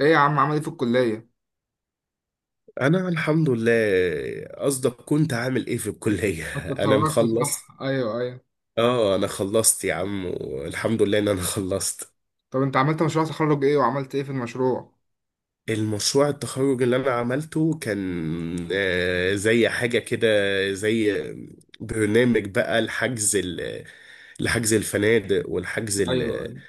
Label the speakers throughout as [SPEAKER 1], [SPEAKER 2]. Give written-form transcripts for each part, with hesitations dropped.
[SPEAKER 1] ايه يا عم عمل ايه في الكلية؟
[SPEAKER 2] انا الحمد لله. قصدك كنت عامل ايه في الكلية؟
[SPEAKER 1] انت
[SPEAKER 2] انا
[SPEAKER 1] اتخرجت صح؟
[SPEAKER 2] مخلص.
[SPEAKER 1] ايوه، ايوه.
[SPEAKER 2] اه انا خلصت يا عم والحمد لله ان انا خلصت.
[SPEAKER 1] طب انت عملت مشروع تخرج ايه وعملت ايه في المشروع؟
[SPEAKER 2] المشروع التخرج اللي انا عملته كان زي حاجة كده، زي برنامج بقى لحجز الفنادق والحجز
[SPEAKER 1] ايوه، ايوه.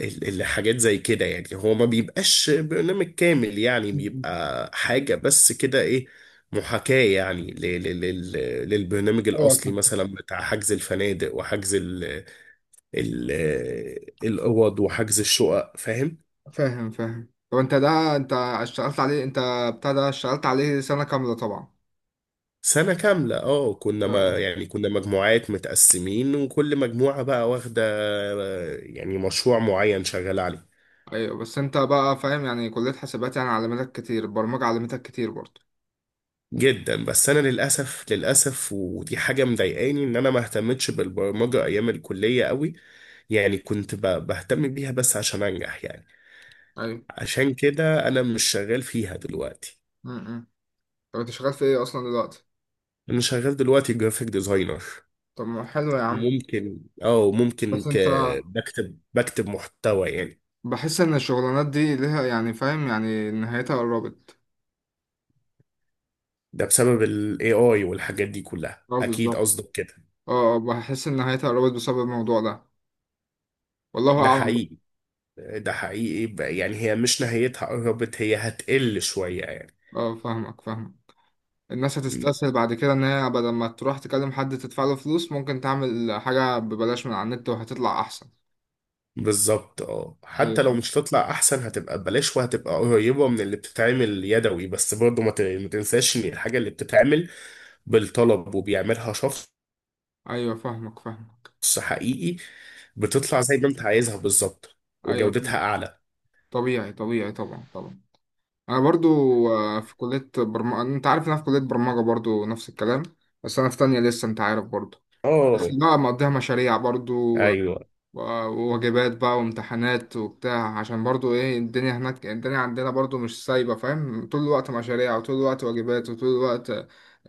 [SPEAKER 2] الحاجات زي كده. يعني هو ما بيبقاش برنامج كامل، يعني
[SPEAKER 1] م- م.
[SPEAKER 2] بيبقى حاجة بس كده، ايه، محاكاة، يعني للبرنامج
[SPEAKER 1] ايوه،
[SPEAKER 2] الأصلي
[SPEAKER 1] فاهم
[SPEAKER 2] مثلا بتاع حجز الفنادق وحجز ال ال الأوض وحجز الشقق، فاهم؟
[SPEAKER 1] فاهم فاهم. طب انت اشتغلت عليه انت، بتاع ده اشتغلت عليه سنة كاملة طبعا.
[SPEAKER 2] سنة كاملة اه. كنا
[SPEAKER 1] آه.
[SPEAKER 2] ما يعني كنا مجموعات متقسمين وكل مجموعة بقى واخدة يعني مشروع معين شغالة عليه
[SPEAKER 1] ايوه، بس انت بقى فاهم، يعني كلية حاسبات يعني علمتك كتير البرمجة، علمتك كتير برضه.
[SPEAKER 2] جدا. بس انا للاسف، للاسف ودي حاجه مضايقاني ان انا ما اهتمتش بالبرمجه ايام الكليه قوي. يعني كنت بهتم بيها بس عشان انجح يعني.
[SPEAKER 1] ايوه.
[SPEAKER 2] عشان كده انا مش شغال فيها دلوقتي.
[SPEAKER 1] م- م. طب انت شغال في ايه اصلا دلوقتي؟
[SPEAKER 2] انا شغال دلوقتي جرافيك ديزاينر.
[SPEAKER 1] طب ما حلو يا عم.
[SPEAKER 2] وممكن ممكن
[SPEAKER 1] بس
[SPEAKER 2] ك...
[SPEAKER 1] انت،
[SPEAKER 2] بكتب، بكتب محتوى يعني.
[SPEAKER 1] بحس ان الشغلانات دي ليها، يعني فاهم، يعني نهايتها قربت.
[SPEAKER 2] ده بسبب الاي اي والحاجات دي كلها،
[SPEAKER 1] اه
[SPEAKER 2] اكيد
[SPEAKER 1] بالظبط.
[SPEAKER 2] قصدك كده.
[SPEAKER 1] اه اه، بحس ان نهايتها قربت بسبب الموضوع ده والله
[SPEAKER 2] ده
[SPEAKER 1] اعلم.
[SPEAKER 2] حقيقي، ده حقيقي يعني هي مش نهايتها قربت، هي هتقل شويه يعني.
[SPEAKER 1] اه، فاهمك فاهمك. الناس هتستسهل بعد كده ان هي بدل ما تروح تكلم حد تدفع له فلوس ممكن تعمل حاجة ببلاش من على النت وهتطلع احسن.
[SPEAKER 2] بالظبط، اه حتى لو
[SPEAKER 1] ايوه،
[SPEAKER 2] مش هتطلع احسن هتبقى ببلاش وهتبقى قريبه من اللي بتتعمل يدوي، بس برضه ما تنساش ان الحاجه اللي بتتعمل بالطلب وبيعملها شخص
[SPEAKER 1] ايوه، فاهمك فاهمك.
[SPEAKER 2] حقيقي بتطلع زي ما انت عايزها بالظبط
[SPEAKER 1] ايوه،
[SPEAKER 2] وجودتها
[SPEAKER 1] فاهم.
[SPEAKER 2] اعلى.
[SPEAKER 1] طبيعي طبيعي، طبعا طبعا. انا برضو في كلية برمجة، انت عارف إن انا في كلية برمجة برضو نفس الكلام. بس انا في تانية لسه، انت عارف برضو.
[SPEAKER 2] اه
[SPEAKER 1] لا، مقضيها مشاريع برضو، و-
[SPEAKER 2] ايوه.
[SPEAKER 1] وواجبات بقى وامتحانات وبتاع، عشان برضو ايه، الدنيا هناك، الدنيا عندنا برضو مش سايبة فاهم. طول الوقت مشاريع، وطول الوقت واجبات، وطول الوقت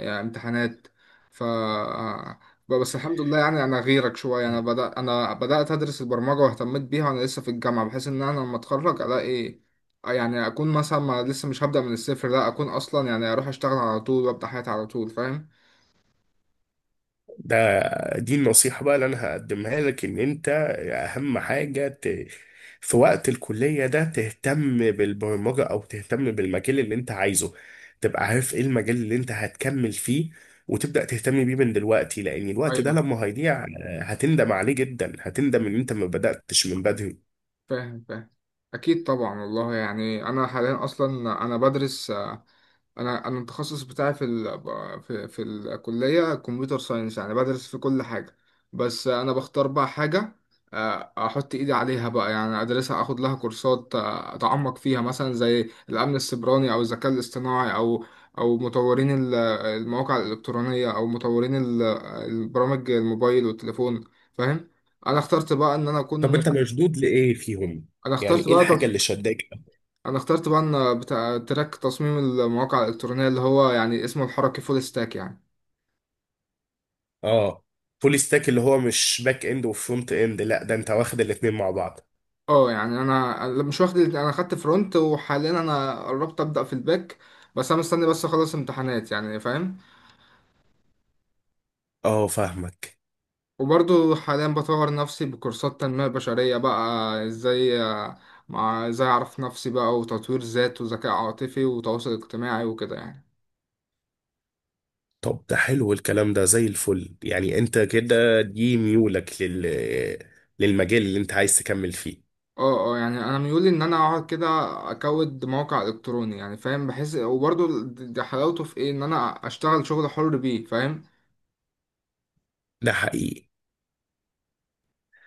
[SPEAKER 1] امتحانات. ف آه، بس الحمد لله، يعني انا غيرك شويه، انا بدأت ادرس البرمجه واهتميت بيها وانا لسه في الجامعه، بحيث ان انا لما اتخرج الاقي يعني اكون مثلا، ما لسه مش هبدأ من الصفر، لا اكون اصلا يعني اروح اشتغل على طول وابدأ حياتي على طول. فاهم.
[SPEAKER 2] ده دي النصيحة بقى اللي أنا هقدمها لك، إن أنت أهم حاجة ت... في وقت الكلية ده تهتم بالبرمجة أو تهتم بالمجال اللي أنت عايزه، تبقى عارف إيه المجال اللي أنت هتكمل فيه وتبدأ تهتم بيه من دلوقتي. لأن الوقت ده
[SPEAKER 1] ايوه
[SPEAKER 2] لما هيضيع هتندم عليه جدا، هتندم إن أنت ما بدأتش من بدري.
[SPEAKER 1] فاهم فاهم. اكيد طبعا، والله يعني انا حاليا اصلا انا بدرس انا التخصص بتاعي في الكليه كمبيوتر ساينس يعني بدرس في كل حاجه. بس انا بختار بقى حاجه، احط ايدي عليها بقى، يعني ادرسها اخد لها كورسات، اتعمق فيها مثلا زي الامن السيبراني او الذكاء الاصطناعي، او مطورين المواقع الالكترونيه، او مطورين البرامج الموبايل والتليفون. فاهم. انا اخترت بقى ان انا
[SPEAKER 2] طب
[SPEAKER 1] اكون
[SPEAKER 2] أنت مشدود لإيه فيهم؟
[SPEAKER 1] انا
[SPEAKER 2] يعني
[SPEAKER 1] اخترت
[SPEAKER 2] إيه
[SPEAKER 1] بقى
[SPEAKER 2] الحاجة اللي شداك؟
[SPEAKER 1] انا اخترت بقى بتاع تراك تصميم المواقع الالكترونيه، اللي هو يعني اسمه الحركي فول ستاك يعني.
[SPEAKER 2] آه، فول ستاك اللي هو مش باك إند وفرونت إند، لا ده أنت واخد الاتنين مع بعض.
[SPEAKER 1] اه، يعني انا مش واخد الاتنين، انا خدت فرونت وحاليا انا قربت ابدا في الباك. بس انا مستني بس اخلص امتحانات يعني، فاهم.
[SPEAKER 2] آه فاهمك.
[SPEAKER 1] وبرضو حاليا بطور نفسي بكورسات تنميه بشريه بقى، ازاي مع، ازاي اعرف نفسي بقى، وتطوير ذات وذكاء عاطفي وتواصل اجتماعي وكده يعني.
[SPEAKER 2] طب ده حلو الكلام ده زي الفل، يعني انت كده دي ميولك لل... للمجال اللي انت عايز تكمل فيه.
[SPEAKER 1] اه اه، يعني انا ميولي ان انا اقعد كده اكود موقع الكتروني يعني، فاهم. بحس وبرضه ده حلاوته في ايه، ان انا اشتغل شغل حر بيه، فاهم.
[SPEAKER 2] ده حقيقي.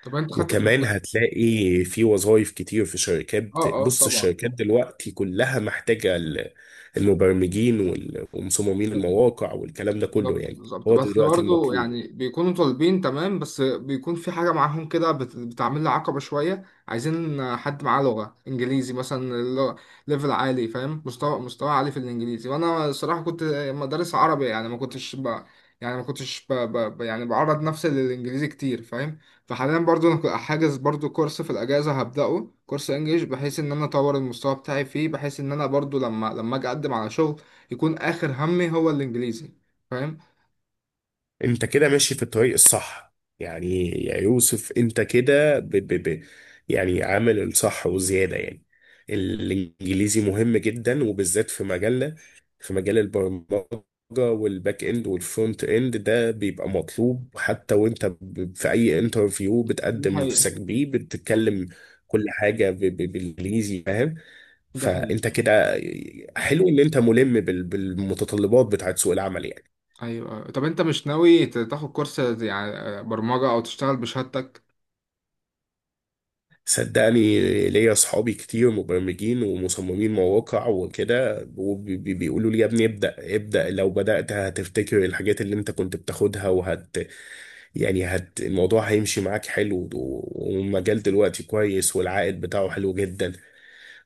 [SPEAKER 1] طب انت خدت
[SPEAKER 2] وكمان
[SPEAKER 1] كورسات؟
[SPEAKER 2] هتلاقي في وظائف كتير في شركات
[SPEAKER 1] اه اه،
[SPEAKER 2] بص
[SPEAKER 1] طبعا
[SPEAKER 2] الشركات
[SPEAKER 1] طبعا.
[SPEAKER 2] دلوقتي كلها محتاجة المبرمجين ومصممين المواقع والكلام ده كله
[SPEAKER 1] بالظبط
[SPEAKER 2] يعني.
[SPEAKER 1] بالظبط.
[SPEAKER 2] هو ده
[SPEAKER 1] بس
[SPEAKER 2] دلوقتي
[SPEAKER 1] برضه
[SPEAKER 2] المطلوب.
[SPEAKER 1] يعني بيكونوا طالبين تمام، بس بيكون في حاجة معاهم كده بتعمل لي عقبة شوية، عايزين حد معاه لغة إنجليزي مثلا. اللغة- ليفل عالي، فاهم، مستوى عالي في الإنجليزي، وأنا الصراحة كنت مدرس عربي، يعني ما كنتش ب... ب... ب- يعني بعرض نفسي للإنجليزي كتير، فاهم. فحاليا برضه أنا حاجز برضه كورس في الأجازة، هبدأه كورس إنجليش، بحيث إن أنا أطور المستوى بتاعي فيه، بحيث إن أنا برضه لما أجي أقدم على شغل يكون آخر همي هو الإنجليزي. فاهم.
[SPEAKER 2] انت كده ماشي في الطريق الصح. يعني يا يوسف انت كده ب ب ب يعني عامل الصح وزيادة يعني. الانجليزي مهم جدا وبالذات في مجالنا، في مجال البرمجة والباك اند والفرونت اند. ده بيبقى مطلوب حتى وانت في اي انترفيو
[SPEAKER 1] دي
[SPEAKER 2] بتقدم
[SPEAKER 1] حقيقة.
[SPEAKER 2] نفسك بيه بتتكلم كل حاجة بالانجليزي، فاهم؟
[SPEAKER 1] دي
[SPEAKER 2] فانت
[SPEAKER 1] حقيقة.
[SPEAKER 2] كده حلو ان انت ملم بالمتطلبات بتاعت سوق العمل يعني.
[SPEAKER 1] أيوة أيوة. طب أنت مش ناوي تاخد كورس يعني برمجة أو تشتغل بشهادتك؟
[SPEAKER 2] صدقني ليا اصحابي كتير مبرمجين ومصممين مواقع وكده وبيقولوا لي يا ابني ابدأ، ابدأ لو بدأت هتفتكر الحاجات اللي انت كنت بتاخدها، وهت يعني هت، الموضوع هيمشي معاك حلو، و- والمجال دلوقتي كويس والعائد بتاعه حلو جدا.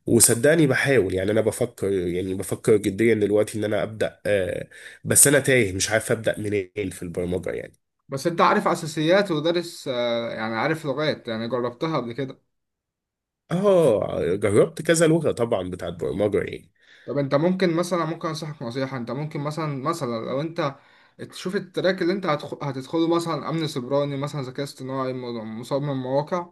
[SPEAKER 2] وصدقني بحاول، يعني انا بفكر، يعني بفكر جديا دلوقتي ان انا ابدأ، بس انا تايه مش عارف ابدأ منين في البرمجة يعني.
[SPEAKER 1] بس أنت عارف أساسيات ودارس يعني عارف لغات يعني جربتها قبل كده.
[SPEAKER 2] اه جربت كذا لغة طبعا بتاعت برمجة يعني.
[SPEAKER 1] طب أنت ممكن مثلا، ممكن أنصحك نصيحة، أنت ممكن مثلا لو أنت تشوف التراك اللي أنت هتدخله، مثلا أمن سيبراني، مثلا ذكاء اصطناعي، مصمم مواقع،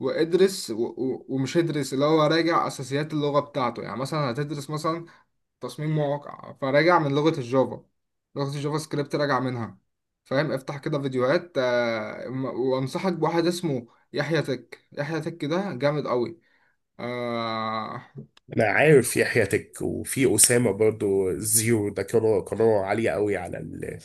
[SPEAKER 1] وادرس ومش ادرس اللي هو راجع أساسيات اللغة بتاعته، يعني مثلا هتدرس مثلا تصميم مواقع، فراجع من لغة الجافا، لغة الجافا سكريبت راجع منها، فاهم. افتح كده فيديوهات، وانصحك بواحد اسمه يحيى تك. يحيى تك ده جامد قوي. آه،
[SPEAKER 2] انا عارف يحيى تك وفي اسامه برضو زيرو ده، كانوا قناه عاليه قوي على ال...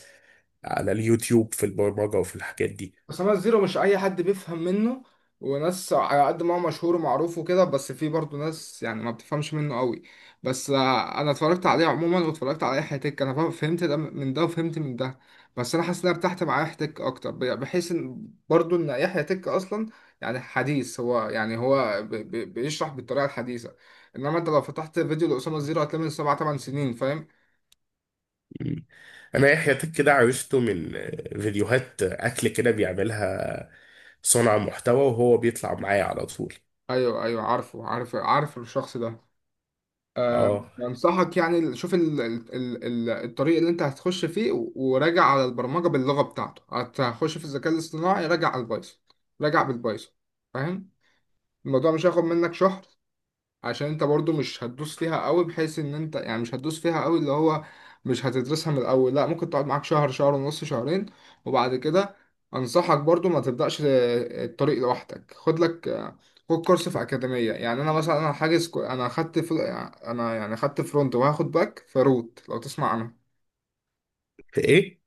[SPEAKER 2] على اليوتيوب في البرمجه وفي الحاجات دي.
[SPEAKER 1] خمس زيرو مش اي حد بيفهم منه، وناس على قد ما هو مشهور ومعروف وكده، بس في برضه ناس يعني ما بتفهمش منه قوي. بس انا اتفرجت عليه عموما واتفرجت على اي حتك، انا فهمت ده من ده وفهمت من ده، بس انا حاسس ان انا ارتحت مع حتك اكتر، بحيث ان برضه ان يحيى تك اصلا يعني حديث، هو يعني هو بيشرح بالطريقه الحديثه، انما انت لو فتحت فيديو لاسامه زيرو هتلاقي من سبع ثمان سنين، فاهم.
[SPEAKER 2] مم. انا يحيى تك كده عرفته من فيديوهات اكل كده بيعملها صانع محتوى وهو بيطلع معايا على طول.
[SPEAKER 1] ايوه ايوه، عارف عارف الشخص ده.
[SPEAKER 2] اه.
[SPEAKER 1] انصحك يعني، شوف الطريق اللي انت هتخش فيه، وراجع على البرمجه باللغه بتاعته، هتخش في الذكاء الاصطناعي راجع على البايثون، راجع بالبايثون، فاهم. الموضوع مش هياخد منك شهر، عشان انت برضو مش هتدوس فيها قوي، بحيث ان انت يعني مش هتدوس فيها قوي اللي هو مش هتدرسها من الاول، لا ممكن تقعد معاك شهر، شهر ونص، شهرين، وبعد كده انصحك برضو ما تبدأش الطريق لوحدك، خد لك خد كورس في أكاديمية. يعني انا مثلا، انا حاجز كو- انا خدت فل... انا يعني خدت فرونت وهاخد باك فروت، لو تسمع عنها.
[SPEAKER 2] ايه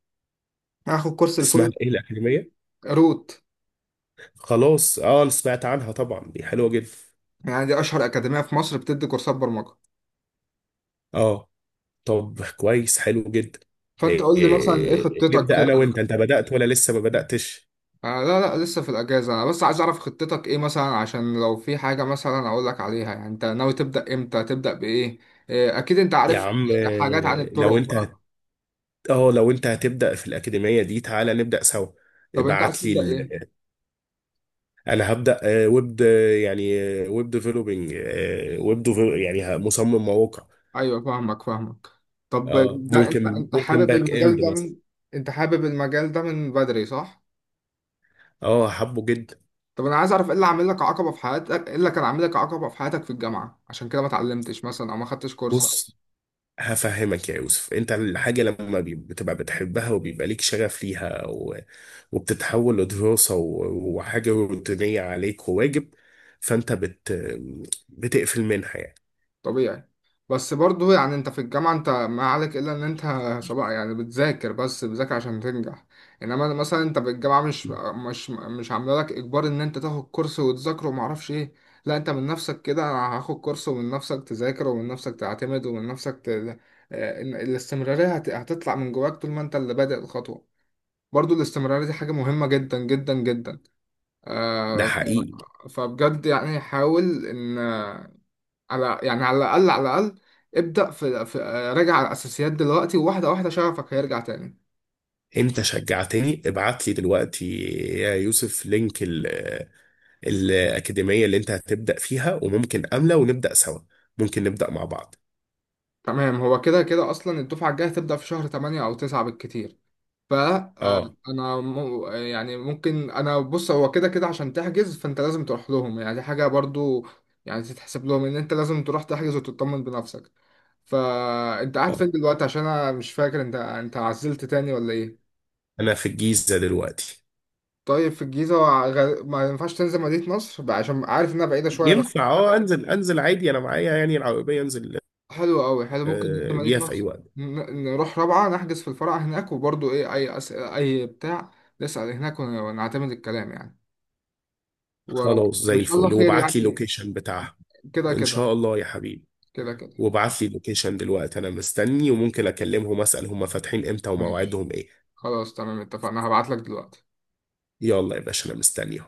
[SPEAKER 1] هاخد كورس
[SPEAKER 2] اسمها
[SPEAKER 1] الفول
[SPEAKER 2] ايه الاكاديميه؟
[SPEAKER 1] روت،
[SPEAKER 2] خلاص، اه أنا سمعت عنها طبعا، دي حلوه جدا.
[SPEAKER 1] يعني دي اشهر أكاديمية في مصر بتدي كورسات برمجة.
[SPEAKER 2] اه طب كويس، حلو جدا.
[SPEAKER 1] فانت
[SPEAKER 2] إيه
[SPEAKER 1] قول لي مثلا ايه
[SPEAKER 2] إيه إيه،
[SPEAKER 1] خطتك
[SPEAKER 2] نبدا
[SPEAKER 1] كده.
[SPEAKER 2] انا وانت، انت بدات ولا لسه ما بداتش؟
[SPEAKER 1] آه، لا، لا، لسه في الأجازة، أنا بس عايز أعرف خطتك إيه مثلا، عشان لو في حاجة مثلا أقول لك عليها، يعني أنت ناوي تبدأ إمتى، تبدأ بإيه، أكيد أنت
[SPEAKER 2] يا
[SPEAKER 1] عارف
[SPEAKER 2] عم
[SPEAKER 1] حاجات عن الطرق
[SPEAKER 2] لو انت اه لو انت هتبدأ في الأكاديمية دي تعالى نبدأ سوا.
[SPEAKER 1] طب أنت عايز
[SPEAKER 2] ابعت لي
[SPEAKER 1] تبدأ إيه؟
[SPEAKER 2] ال... انا هبدأ آه، ويب ويب ديفلوبينج، آه ويب ديفل... يعني مصمم مواقع.
[SPEAKER 1] أيوه فاهمك فاهمك. طب
[SPEAKER 2] اه
[SPEAKER 1] ده أنت
[SPEAKER 2] ممكن،
[SPEAKER 1] أنت
[SPEAKER 2] ممكن
[SPEAKER 1] حابب
[SPEAKER 2] باك
[SPEAKER 1] المجال
[SPEAKER 2] اند
[SPEAKER 1] ده
[SPEAKER 2] مثلا.
[SPEAKER 1] من... أنت حابب المجال ده من بدري صح؟
[SPEAKER 2] اه حبه جدا.
[SPEAKER 1] طب أنا عايز أعرف إيه اللي عامل لك عقبة في حياتك، إيه اللي كان عامل لك عقبة في حياتك في الجامعة عشان كده ما اتعلمتش مثلا أو ما خدتش كورس.
[SPEAKER 2] بص هفهمك يا يوسف، انت الحاجة لما بتبقى بتحبها وبيبقى ليك شغف ليها و... وبتتحول لدراسة و... وحاجة روتينية عليك وواجب، فانت بت... بتقفل منها يعني.
[SPEAKER 1] طبيعي. بس برضه يعني انت في الجامعة، انت ما عليك الا ان انت صباح يعني بتذاكر، بس بتذاكر عشان تنجح، انما مثلا انت في الجامعة مش عامله لك اجبار ان انت تاخد كورس وتذاكره وما اعرفش ايه. لا، انت من نفسك كده، انا هاخد كورس، ومن نفسك تذاكر، ومن نفسك تعتمد، ومن نفسك ت... اه، ان الاستمرارية هتطلع من جواك طول ما انت اللي بادئ الخطوة، برضه الاستمرارية دي حاجة مهمة جدا جدا جدا.
[SPEAKER 2] ده حقيقي.
[SPEAKER 1] فبجد يعني حاول ان، على يعني على الأقل على الأقل ابدأ في, في آه، راجع على الأساسيات دلوقتي، وواحدة واحدة شغفك هيرجع تاني.
[SPEAKER 2] انت شجعتني، ابعت لي دلوقتي يا يوسف لينك ال الأكاديمية اللي انت هتبدأ فيها وممكن أملة ونبدأ سوا، ممكن نبدأ مع بعض.
[SPEAKER 1] تمام، هو كده كده أصلا الدفعة الجاية هتبدأ في شهر 8 أو 9 بالكتير،
[SPEAKER 2] اه.
[SPEAKER 1] فأنا يعني ممكن أنا بص، هو كده كده عشان تحجز فأنت لازم تروح لهم، يعني دي حاجة برضو يعني تتحسب لهم إن أنت لازم تروح تحجز وتطمن بنفسك. فأنت قاعد
[SPEAKER 2] آه.
[SPEAKER 1] فين دلوقتي؟ عشان أنا مش فاكر، أنت عزلت تاني ولا إيه؟
[SPEAKER 2] انا في الجيزة دلوقتي.
[SPEAKER 1] طيب، في الجيزة. ما ينفعش تنزل مدينة نصر بقى، عشان عارف إنها بعيدة شوية.
[SPEAKER 2] ينفع، اه انزل، انزل عادي، انا معايا يعني العربية، انزل
[SPEAKER 1] حلو قوي، حلو، ممكن انت
[SPEAKER 2] بيها
[SPEAKER 1] مدينة
[SPEAKER 2] في اي
[SPEAKER 1] نصر،
[SPEAKER 2] وقت.
[SPEAKER 1] نروح رابعة نحجز في الفرع هناك، وبرضو ايه، اي أسئلة اي بتاع نسأل هناك، ونعتمد الكلام يعني،
[SPEAKER 2] خلاص زي
[SPEAKER 1] وان شاء الله
[SPEAKER 2] الفل،
[SPEAKER 1] خير
[SPEAKER 2] وابعت لي
[SPEAKER 1] يعني.
[SPEAKER 2] اللوكيشن بتاعها.
[SPEAKER 1] كده
[SPEAKER 2] ان
[SPEAKER 1] كده.
[SPEAKER 2] شاء الله يا حبيبي.
[SPEAKER 1] كده كده
[SPEAKER 2] وابعت لي اللوكيشن دلوقتي انا مستني، وممكن اكلمهم اسال هم فاتحين امتى
[SPEAKER 1] ماشي
[SPEAKER 2] ومواعيدهم ايه.
[SPEAKER 1] خلاص تمام اتفقنا، هبعت لك دلوقتي.
[SPEAKER 2] يلا يا باشا انا مستني.